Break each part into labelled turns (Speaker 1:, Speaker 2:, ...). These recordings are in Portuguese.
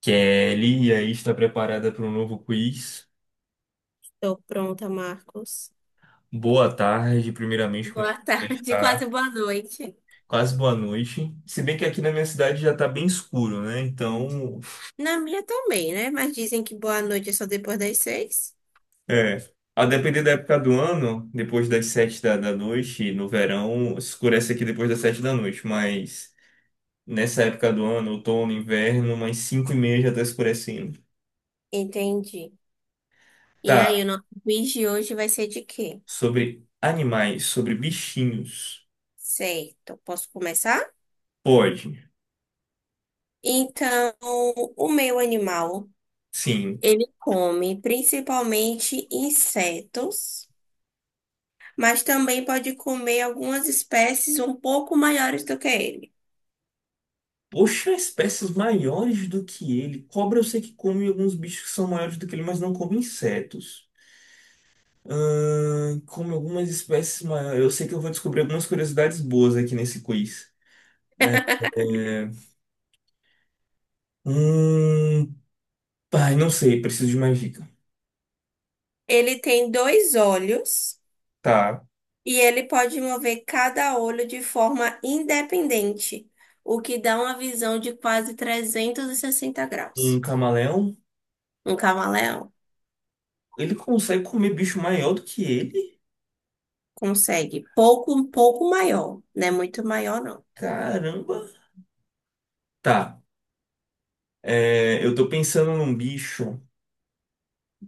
Speaker 1: Kelly, e aí está preparada para um novo quiz.
Speaker 2: Estou pronta, Marcos.
Speaker 1: Boa tarde, primeiramente, como é
Speaker 2: Boa
Speaker 1: que você
Speaker 2: tarde,
Speaker 1: está?
Speaker 2: quase boa noite.
Speaker 1: Quase boa noite. Se bem que aqui na minha cidade já está bem escuro, né?
Speaker 2: Na minha também, né? Mas dizem que boa noite é só depois das 6.
Speaker 1: É, a depender da época do ano, depois das sete da noite, no verão, escurece aqui depois das sete da noite, mas nessa época do ano, outono, inverno, umas cinco e meia já está escurecendo.
Speaker 2: Entendi. E aí,
Speaker 1: Tá,
Speaker 2: o nosso quiz de hoje vai ser de quê?
Speaker 1: sobre animais, sobre bichinhos.
Speaker 2: Certo. Posso começar?
Speaker 1: Pode.
Speaker 2: Então, o meu animal,
Speaker 1: Sim.
Speaker 2: ele come principalmente insetos, mas também pode comer algumas espécies um pouco maiores do que ele.
Speaker 1: Poxa, espécies maiores do que ele. Cobra eu sei que come alguns bichos que são maiores do que ele, mas não come insetos. Come algumas espécies maiores. Eu sei que eu vou descobrir algumas curiosidades boas aqui nesse quiz. É... Hum... Ai, não sei, preciso de mais dica.
Speaker 2: Ele tem dois olhos.
Speaker 1: Tá.
Speaker 2: E ele pode mover cada olho de forma independente, o que dá uma visão de quase 360
Speaker 1: Um
Speaker 2: graus.
Speaker 1: camaleão,
Speaker 2: Um camaleão
Speaker 1: ele consegue comer bicho maior do que ele?
Speaker 2: consegue pouco, um pouco maior, não é muito maior, não.
Speaker 1: Caramba. Tá. É, eu tô pensando num bicho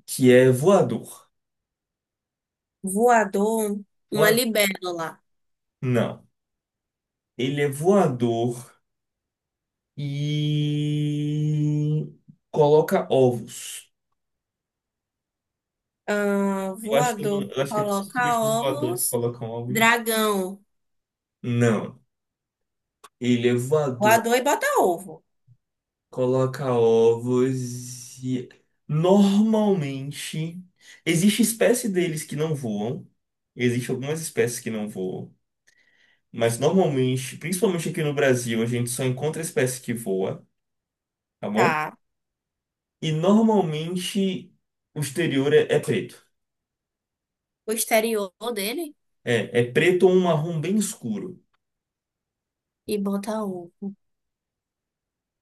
Speaker 1: que é voador.
Speaker 2: Voador, uma
Speaker 1: Voa-
Speaker 2: libélula.
Speaker 1: Não. Ele é voador. E coloca ovos.
Speaker 2: Ah,
Speaker 1: Eu acho que,
Speaker 2: voador
Speaker 1: eu acho que todos os
Speaker 2: coloca
Speaker 1: bichos voadores
Speaker 2: ovos,
Speaker 1: colocam ovos.
Speaker 2: dragão,
Speaker 1: Não. Ele é voador,
Speaker 2: voador e bota ovo,
Speaker 1: coloca ovos e normalmente existe espécie deles que não voam. Existem algumas espécies que não voam. Mas normalmente, principalmente aqui no Brasil, a gente só encontra espécie que voa, tá bom?
Speaker 2: tá?
Speaker 1: E normalmente o exterior é preto.
Speaker 2: O exterior dele
Speaker 1: É, é preto ou um marrom bem escuro.
Speaker 2: e bota ovo.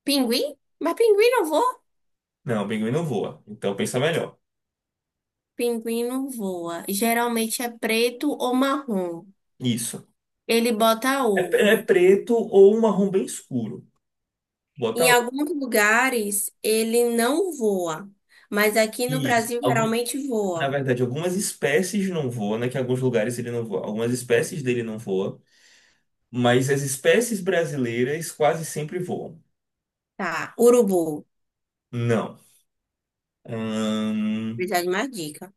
Speaker 2: Pinguim? Mas pinguim não voa.
Speaker 1: Não, o pinguim não voa. Então pensa melhor.
Speaker 2: Pinguim não voa. Geralmente é preto ou marrom.
Speaker 1: Isso.
Speaker 2: Ele bota
Speaker 1: É,
Speaker 2: ovo.
Speaker 1: é preto ou um marrom bem escuro.
Speaker 2: Em
Speaker 1: Bota o-
Speaker 2: alguns lugares ele não voa, mas aqui no
Speaker 1: isso.
Speaker 2: Brasil
Speaker 1: Algum,
Speaker 2: geralmente
Speaker 1: na
Speaker 2: voa.
Speaker 1: verdade, algumas espécies não voam, né? Que em alguns lugares ele não voa. Algumas espécies dele não voam. Mas as espécies brasileiras quase sempre voam.
Speaker 2: Tá, urubu.
Speaker 1: Não. Hum,
Speaker 2: Precisa de mais dica.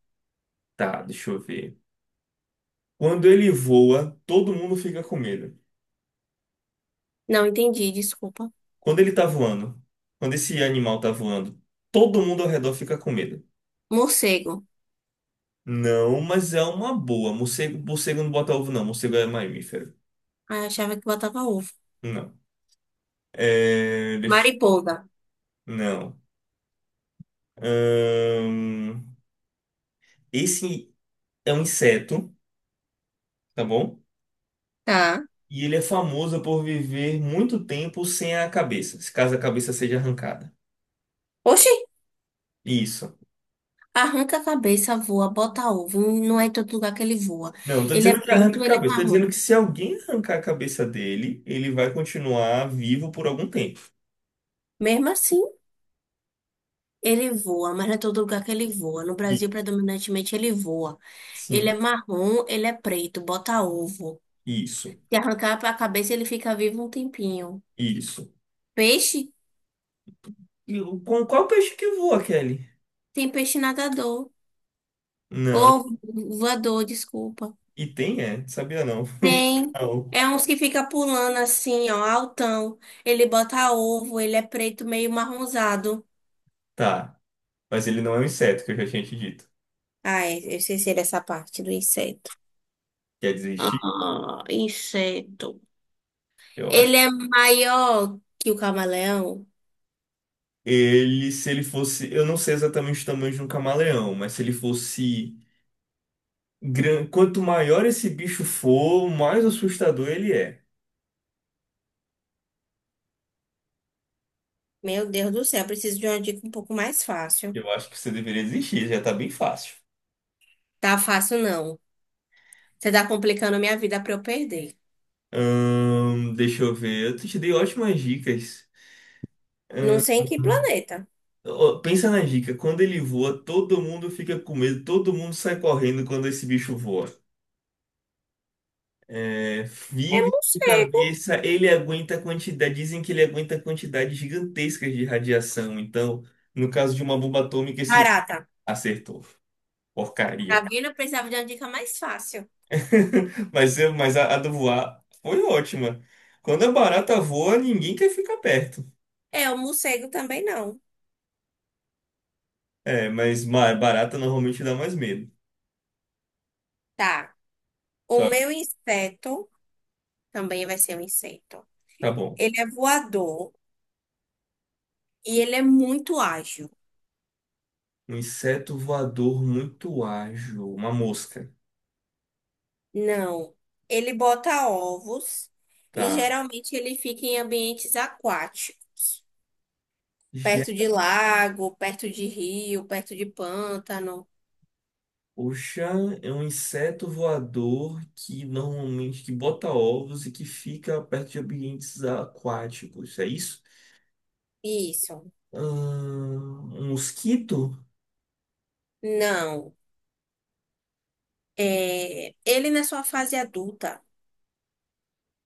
Speaker 1: tá, deixa eu ver. Quando ele voa, todo mundo fica com medo.
Speaker 2: Não entendi, desculpa.
Speaker 1: Quando ele tá voando, quando esse animal tá voando, todo mundo ao redor fica com medo.
Speaker 2: Morcego.
Speaker 1: Não, mas é uma boa. Morcego, morcego não bota ovo, não. Morcego é mamífero.
Speaker 2: Ah, eu achava que botava ovo.
Speaker 1: Não. É, deixa,
Speaker 2: Mariposa.
Speaker 1: não. Ahn, Esse é um inseto, tá bom?
Speaker 2: Tá.
Speaker 1: E ele é famoso por viver muito tempo sem a cabeça, se caso a cabeça seja arrancada.
Speaker 2: Oxi,
Speaker 1: Isso.
Speaker 2: arranca a cabeça, voa, bota ovo. Não é em todo lugar que ele voa.
Speaker 1: Não, não tô
Speaker 2: Ele é
Speaker 1: dizendo que arranca a
Speaker 2: preto, ele é
Speaker 1: cabeça, tô dizendo
Speaker 2: marrom.
Speaker 1: que se alguém arrancar a cabeça dele, ele vai continuar vivo por algum tempo.
Speaker 2: Mesmo assim. Ele voa, mas não é todo lugar que ele voa. No
Speaker 1: E-
Speaker 2: Brasil, predominantemente, ele voa. Ele é
Speaker 1: Sim,
Speaker 2: marrom, ele é preto, bota ovo.
Speaker 1: isso,
Speaker 2: Se arrancar a cabeça, ele fica vivo um tempinho.
Speaker 1: isso.
Speaker 2: Peixe?
Speaker 1: Com qual peixe que voa, Kelly?
Speaker 2: Tem peixe nadador.
Speaker 1: Não.
Speaker 2: Ou voador, desculpa.
Speaker 1: E tem, é? Sabia não.
Speaker 2: Tem.
Speaker 1: Não.
Speaker 2: É uns que fica pulando assim, ó, altão. Ele bota ovo, ele é preto, meio marronzado.
Speaker 1: Tá. Mas ele não é um inseto, que eu já tinha te dito.
Speaker 2: Ah, é, eu sei se ele é essa parte do inseto.
Speaker 1: Quer dizer, chi-
Speaker 2: Ah, inseto.
Speaker 1: eu acho.
Speaker 2: Ele é maior que o camaleão?
Speaker 1: Ele, se ele fosse. Eu não sei exatamente o tamanho de um camaleão, mas se ele fosse grande. Quanto maior esse bicho for, mais assustador ele é.
Speaker 2: Meu Deus do céu, eu preciso de uma dica um pouco mais fácil.
Speaker 1: Eu acho que você deveria desistir, já tá bem fácil.
Speaker 2: Tá fácil, não. Você tá complicando a minha vida pra eu perder.
Speaker 1: Deixa eu ver. Eu te dei ótimas dicas.
Speaker 2: Não sei em que planeta.
Speaker 1: Ó, pensa na dica, quando ele voa, todo mundo fica com medo, todo mundo sai correndo quando esse bicho voa. É,
Speaker 2: É
Speaker 1: vive sem
Speaker 2: morcego.
Speaker 1: cabeça, ele aguenta a quantidade, dizem que ele aguenta quantidades gigantescas de radiação. Então, no caso de uma bomba atômica, esse
Speaker 2: Barata.
Speaker 1: acertou.
Speaker 2: Tá
Speaker 1: Porcaria.
Speaker 2: vendo? Eu precisava de uma dica mais fácil.
Speaker 1: Mas a do voar foi ótima. Quando a barata voa, ninguém quer ficar perto.
Speaker 2: É, o morcego também não.
Speaker 1: É, barata normalmente dá mais medo.
Speaker 2: Tá. O
Speaker 1: Só,
Speaker 2: meu inseto também vai ser um inseto.
Speaker 1: tá bom.
Speaker 2: Ele é voador e ele é muito ágil.
Speaker 1: Um inseto voador muito ágil, uma mosca.
Speaker 2: Não. Ele bota ovos e
Speaker 1: Tá.
Speaker 2: geralmente ele fica em ambientes aquáticos. Perto de lago, perto de rio, perto de pântano.
Speaker 1: O Oxã é um inseto voador que normalmente que bota ovos e que fica perto de ambientes aquáticos, é isso?
Speaker 2: Isso.
Speaker 1: Um mosquito?
Speaker 2: Não. É, ele na sua fase adulta,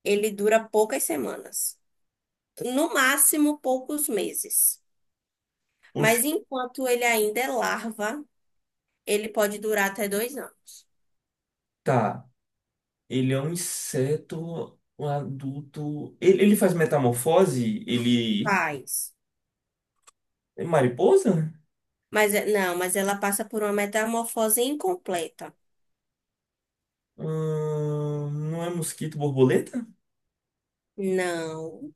Speaker 2: ele dura poucas semanas. No máximo, poucos meses. Mas
Speaker 1: Oxa,
Speaker 2: enquanto ele ainda é larva, ele pode durar até 2 anos.
Speaker 1: tá. Ele é um inseto um adulto. Ele faz metamorfose? Ele
Speaker 2: Faz.
Speaker 1: é mariposa?
Speaker 2: Não, mas ela passa por uma metamorfose incompleta.
Speaker 1: Não é mosquito, borboleta?
Speaker 2: Não.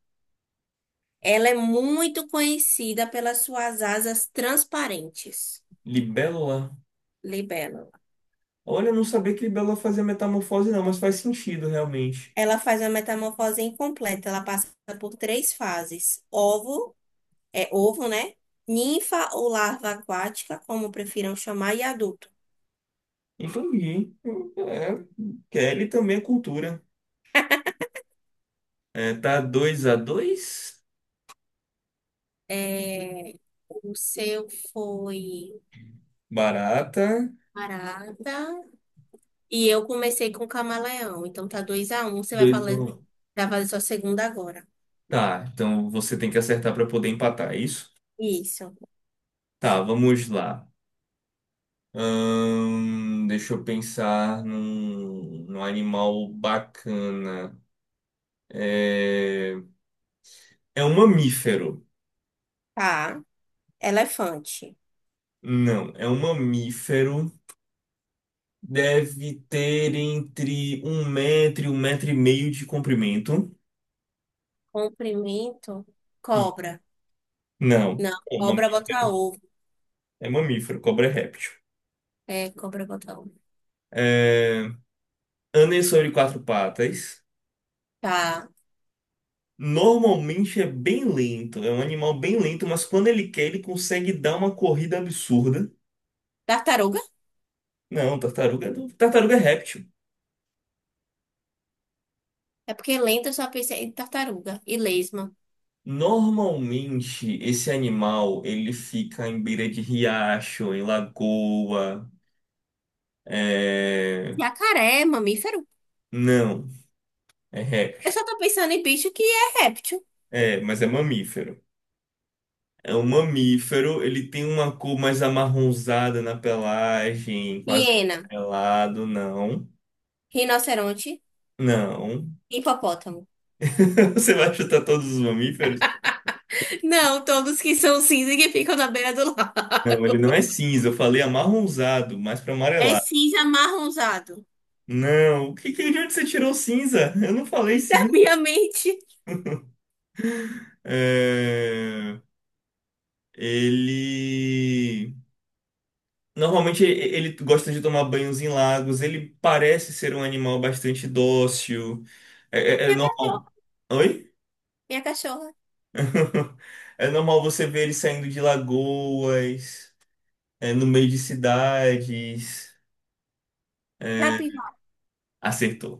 Speaker 2: Ela é muito conhecida pelas suas asas transparentes.
Speaker 1: Libélula?
Speaker 2: Libélula.
Speaker 1: Olha, eu não sabia que libélula fazia metamorfose, não, mas faz sentido realmente.
Speaker 2: Ela faz uma metamorfose incompleta. Ela passa por três fases: ovo, é ovo, né? Ninfa ou larva aquática, como prefiram chamar, e adulto.
Speaker 1: Entendi. É, Kelly também é cultura. É, tá 2 a dois.
Speaker 2: É, o seu foi
Speaker 1: Barata.
Speaker 2: parada. E eu comecei com camaleão. Então tá 2-1. Você vai
Speaker 1: Dois a
Speaker 2: falar,
Speaker 1: um.
Speaker 2: vai fazer sua segunda agora.
Speaker 1: Tá, então você tem que acertar para poder empatar, é isso?
Speaker 2: Isso.
Speaker 1: Tá, vamos lá. Deixa eu pensar num animal bacana. É, é um mamífero.
Speaker 2: Tá. Elefante.
Speaker 1: Não, é um mamífero. Deve ter entre um metro e meio de comprimento.
Speaker 2: Comprimento.
Speaker 1: E-
Speaker 2: Cobra.
Speaker 1: Não.
Speaker 2: Não, cobra bota ovo.
Speaker 1: É mamífero, cobra é réptil.
Speaker 2: É, cobra bota ovo.
Speaker 1: É... Anda sobre quatro patas.
Speaker 2: Tá.
Speaker 1: Normalmente é bem lento, é um animal bem lento, mas quando ele quer, ele consegue dar uma corrida absurda.
Speaker 2: Tartaruga.
Speaker 1: Não, tartaruga, tartaruga é réptil.
Speaker 2: É porque lenta eu só pensei em tartaruga e lesma.
Speaker 1: Normalmente esse animal ele fica em beira de riacho, em lagoa. É...
Speaker 2: Jacaré, é mamífero.
Speaker 1: Não, é
Speaker 2: Eu
Speaker 1: réptil.
Speaker 2: só tô pensando em bicho que é réptil.
Speaker 1: É, mas é mamífero. É um mamífero, ele tem uma cor mais amarronzada na pelagem, quase
Speaker 2: Hiena,
Speaker 1: amarelado, não.
Speaker 2: rinoceronte,
Speaker 1: Não.
Speaker 2: hipopótamo.
Speaker 1: Você vai chutar todos os mamíferos?
Speaker 2: Não, todos que são cinza e que ficam na beira do
Speaker 1: Não, ele não
Speaker 2: lago.
Speaker 1: é cinza. Eu falei amarronzado, mais para
Speaker 2: É
Speaker 1: amarelado.
Speaker 2: cinza amarronzado.
Speaker 1: Não, o de onde você tirou cinza? Eu não falei
Speaker 2: Da
Speaker 1: cinza.
Speaker 2: minha mente.
Speaker 1: É, Ele. Normalmente ele gosta de tomar banhos em lagos. Ele parece ser um animal bastante dócil. É, é
Speaker 2: Minha cachorra.
Speaker 1: normal. Oi?
Speaker 2: Minha cachorra.
Speaker 1: É normal você ver ele saindo de lagoas, é, no meio de cidades.
Speaker 2: Capivara.
Speaker 1: Acertou.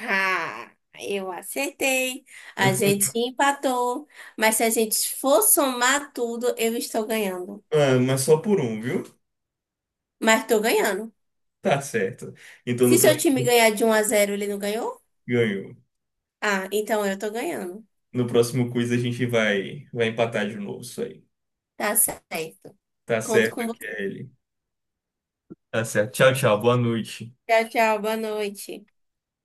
Speaker 2: Ah, eu acertei. A gente empatou. Mas se a gente for somar tudo, eu estou ganhando.
Speaker 1: Ah, mas só por um, viu?
Speaker 2: Mas tô ganhando.
Speaker 1: Tá certo. Então no
Speaker 2: Se seu
Speaker 1: próximo
Speaker 2: time ganhar de 1-0 ele não ganhou?
Speaker 1: ganho.
Speaker 2: Ah, então eu tô ganhando.
Speaker 1: No próximo quiz a gente vai empatar de novo isso aí.
Speaker 2: Tá certo.
Speaker 1: Tá
Speaker 2: Conto com
Speaker 1: certo,
Speaker 2: você.
Speaker 1: Kelly. Tá certo. Tchau, tchau. Boa noite.
Speaker 2: Tchau, tchau. Boa noite.